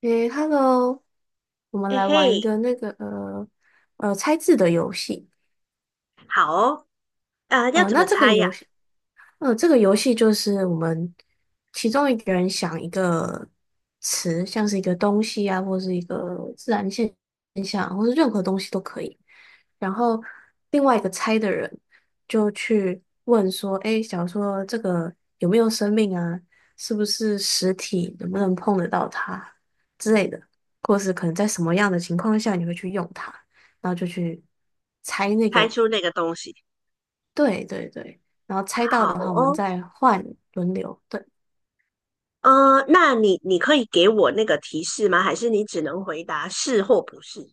诶，Hello，我们嘿来嘿，玩一个猜字的游戏。好哦，要怎那么这个猜呀？游戏嗯，这个游戏就是我们其中一个人想一个词，像是一个东西啊，或是一个自然现象，或是任何东西都可以。然后另外一个猜的人就去问说："诶，假如说这个有没有生命啊？是不是实体？能不能碰得到它之类的？或是可能在什么样的情况下你会去用它？"然后就去猜那猜个。出那个东西，对对对，然后猜到好的话，我们哦，再换轮流。对。那你可以给我那个提示吗？还是你只能回答是或不是？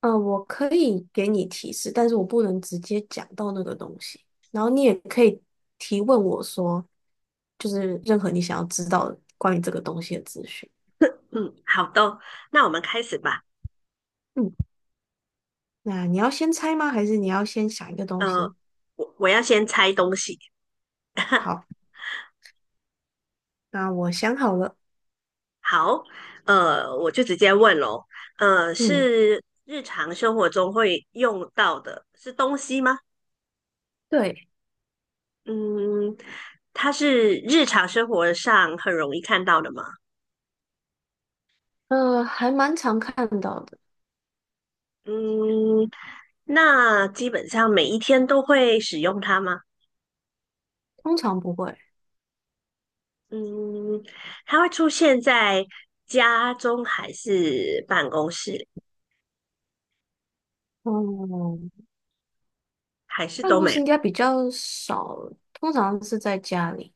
嗯、我可以给你提示，但是我不能直接讲到那个东西。然后你也可以提问我说，就是任何你想要知道的关于这个东西的资讯。嗯，好的哦，那我们开始吧。嗯，那你要先猜吗？还是你要先想一个东呃，西？我要先猜东西。好，那我想好了。好，我就直接问喽，嗯，是日常生活中会用到的，是东西吗？对。嗯，它是日常生活上很容易看到的吗？还蛮常看到的。嗯，那基本上每一天都会使用它吗？通常不会。嗯，它会出现在家中还是办公室，嗯，还是办都公没室有？应该比较少，通常是在家里。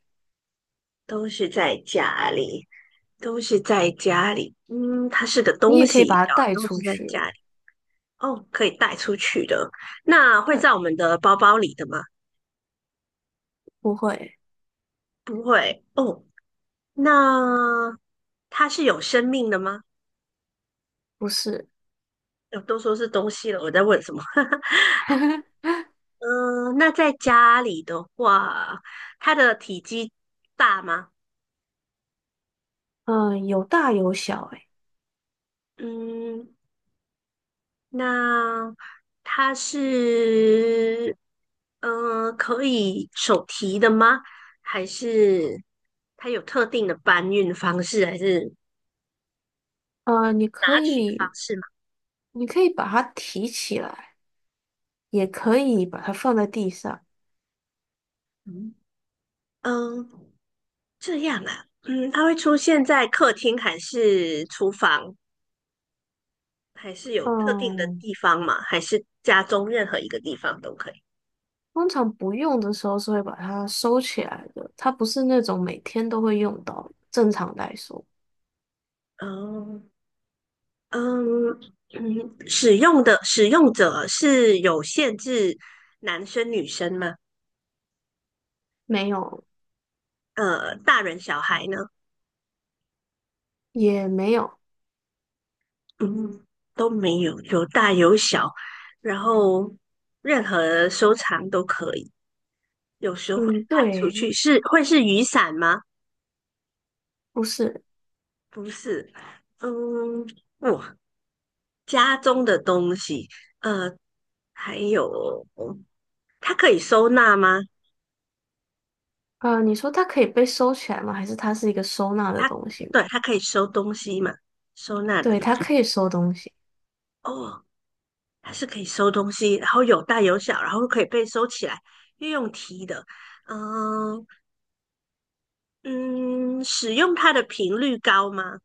都是在家里，都是在家里。嗯，它是个你东也可以西，把它然后带都出是在去。家里。哦，可以带出去的。那会对，在我们的包包里的吗？不会。不会。哦，那它是有生命的吗？不是。都说是东西了，我在问什么？嗯，那在家里的话，它的体积大吗？嗯，有大有小，诶。嗯，那它是，可以手提的吗？还是它有特定的搬运方式，还是呃，你拿可取方以，式吗？你可以把它提起来，也可以把它放在地上。嗯嗯，这样啊。嗯，它会出现在客厅还是厨房，还是有特定的嗯，地方吗？还是家中任何一个地方都可以？通常不用的时候是会把它收起来的，它不是那种每天都会用到的正常来说，哦，嗯嗯，使用者是有限制男生女生吗？没有，大人小孩呢？也没有。嗯，都没有，有大有小，然后任何收藏都可以嗯，带出去。对。是会是雨伞吗？不是。不是。嗯，哇，家中的东西，呃，还有它可以收纳吗？你说它可以被收起来吗？还是它是一个收纳的它东西对，吗？它可以收东西嘛？收纳的对，东它西。可以收东西。哦，它是可以收东西，然后有大有小，然后可以被收起来，又用提的。嗯嗯，使用它的频率高吗？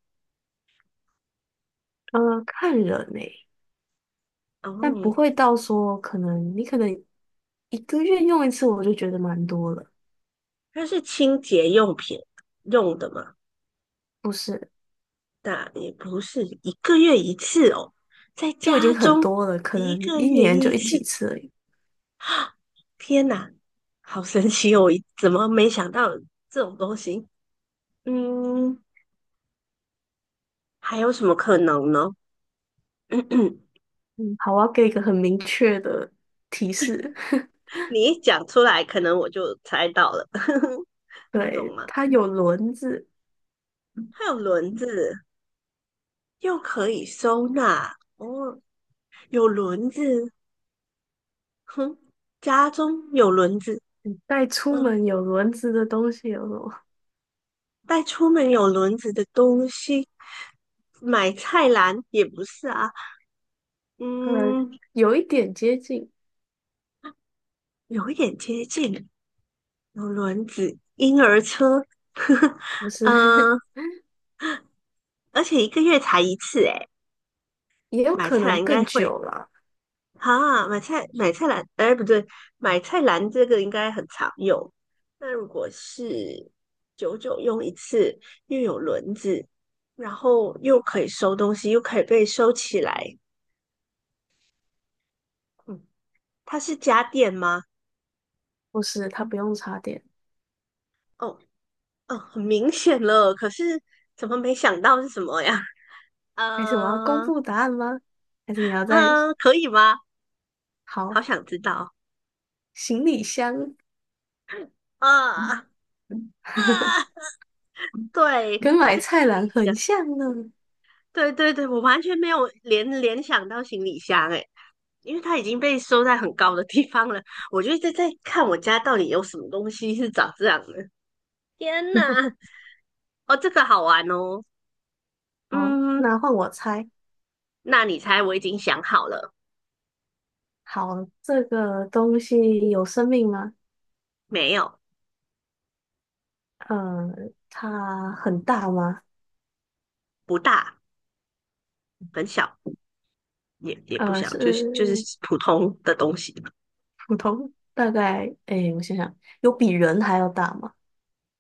呃，看人呢、但不哦，会到说你可能一个月用一次，我就觉得蛮多了。它是清洁用品用的嘛？不是。那也不是一个月一次哦，在就已家经很中多了，可一能个一月年一就一几次，次而已。天哪，好神奇哦！怎么没想到这种东西？嗯，还有什么可能呢？嗯，好，我要给一个很明确的提示，你一讲出来，可能我就猜到了。那种对，吗？它有轮子。它有轮子，又可以收纳，哦，有轮子，哼，家中有轮子。带出嗯，门有轮子的东西有什么？带出门有轮子的东西，买菜篮也不是啊。呃，嗯，有一点接近。有一点接近，有轮子，婴儿车。呵呵，不是。嗯，而且一个月才一次，诶，也有买可菜篮能应更该会久了。哈，买菜篮，哎，不对，买菜篮这个应该很常用。那如果是久久用一次，又有轮子，然后又可以收东西，又可以被收起来。嗯，它是家电吗？不是，它不用插电。哦，哦，很明显了，可是怎么没想到是什么呀？还是我要公呃，布答案吗？还是你要在，可以吗？好好，想知道行李箱。嗯啊嗯啊！对，跟买是行菜篮李很箱。像呢。 对对对，我完全没有联想到行李箱诶，因为它已经被收在很高的地方了。我就一直在看我家到底有什么东西是长这样的。天哪！哦，这个好玩哦。好，嗯，那换我猜。那你猜我已经想好了好，这个东西有生命吗？没有？呃，它很大吗？不大，很小，也不小，是就是普通的东西。普通，大概，诶，我想想，有比人还要大吗？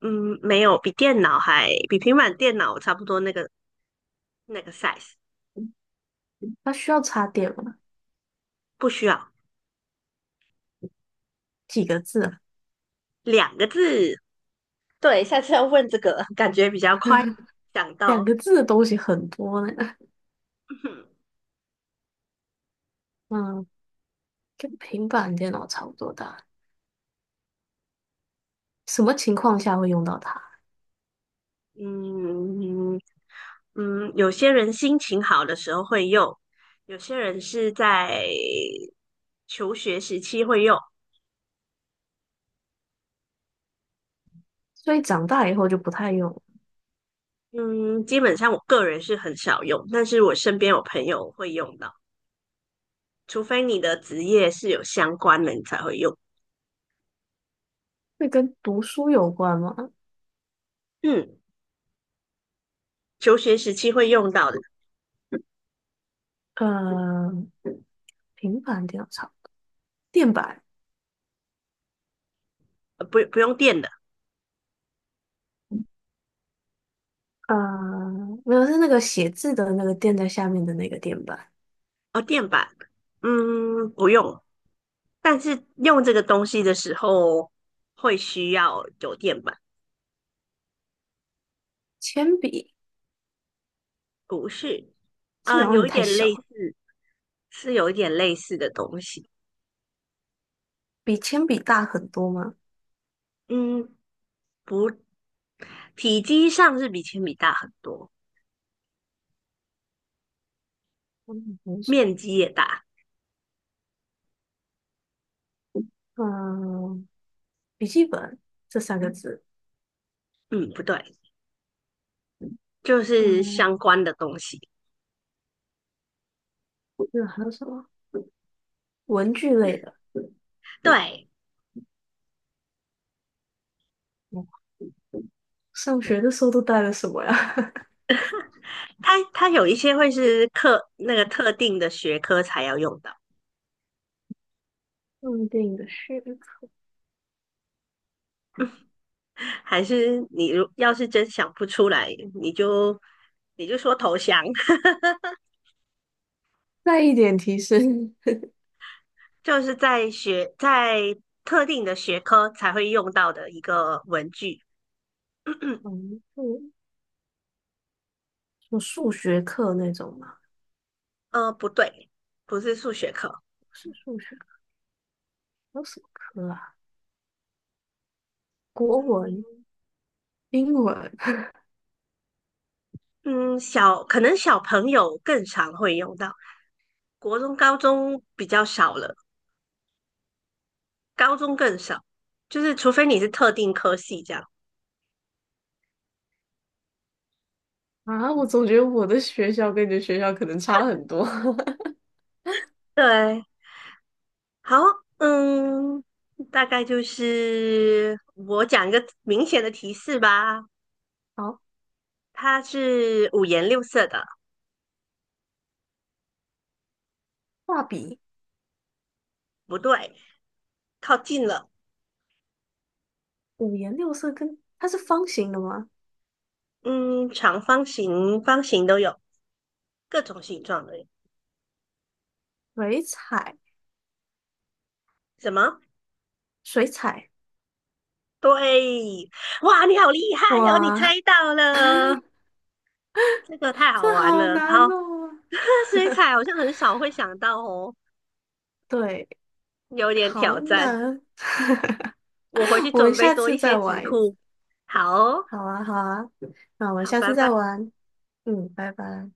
嗯，没有，比电脑还比平板电脑差不多那个size，它需要插电吗？不需要。几个字啊？两个字，对，下次要问这个，感觉比较快想两到。个字的东西很多呢。嗯，跟平板电脑差不多大。什么情况下会用到它？嗯嗯，有些人心情好的时候会用，有些人是在求学时期会用。所以长大以后就不太用了。嗯，基本上我个人是很少用，但是我身边有朋友会用到，除非你的职业是有相关的，你才会用。会跟读书有关吗？嗯，求学时期会用到的，呃，平板电脑操，垫板。不用电的，呃，没有，是那个写字的那个垫在下面的那个垫板。哦，电板，嗯，不用。但是用这个东西的时候会需要酒店吧？铅笔，不是？铅笔好像有有点一太点小类似，了，是有一点类似的东西。比铅笔大很多吗？嗯，不，体积上是比铅笔大很多，嗯，没什面积也大。么。嗯，笔记本这三个字。嗯，不对，就是嗯，相关的东西。那还有什么？文具类的。对，嗯上学的时候都带了什么呀？它有一些会是课那个特定的学科才要用到，电影的书，还是你如要是真想不出来，你就说投降。再一点提示。就是在特定的学科才会用到的一个文具。嗯，就什么数学课那种吗？不对，不是数学课。不是数学，还有什么课啊？国文、英文，嗯，可能小朋友更常会用到，国中、高中比较少了，高中更少。就是除非你是特定科系这样。啊，我总觉得我的学校跟你的学校可能差很多。对，好。嗯，大概就是我讲一个明显的提示吧，好。它是五颜六色的，画笔。不对，靠近了。五颜六色它是方形的吗？嗯，长方形、方形都有，各种形状的。水彩，什么？水彩。对，哇，你好厉害哟、哦！你哇，猜到了，这个太好这玩好了。难好，哦。这水 彩好像很少会想到哦，对，有点好挑战。难。我回去 我们准备下多次一些再题玩一次。库。好哦，好啊，好啊，那我们好，下拜次再拜。玩。嗯，拜拜。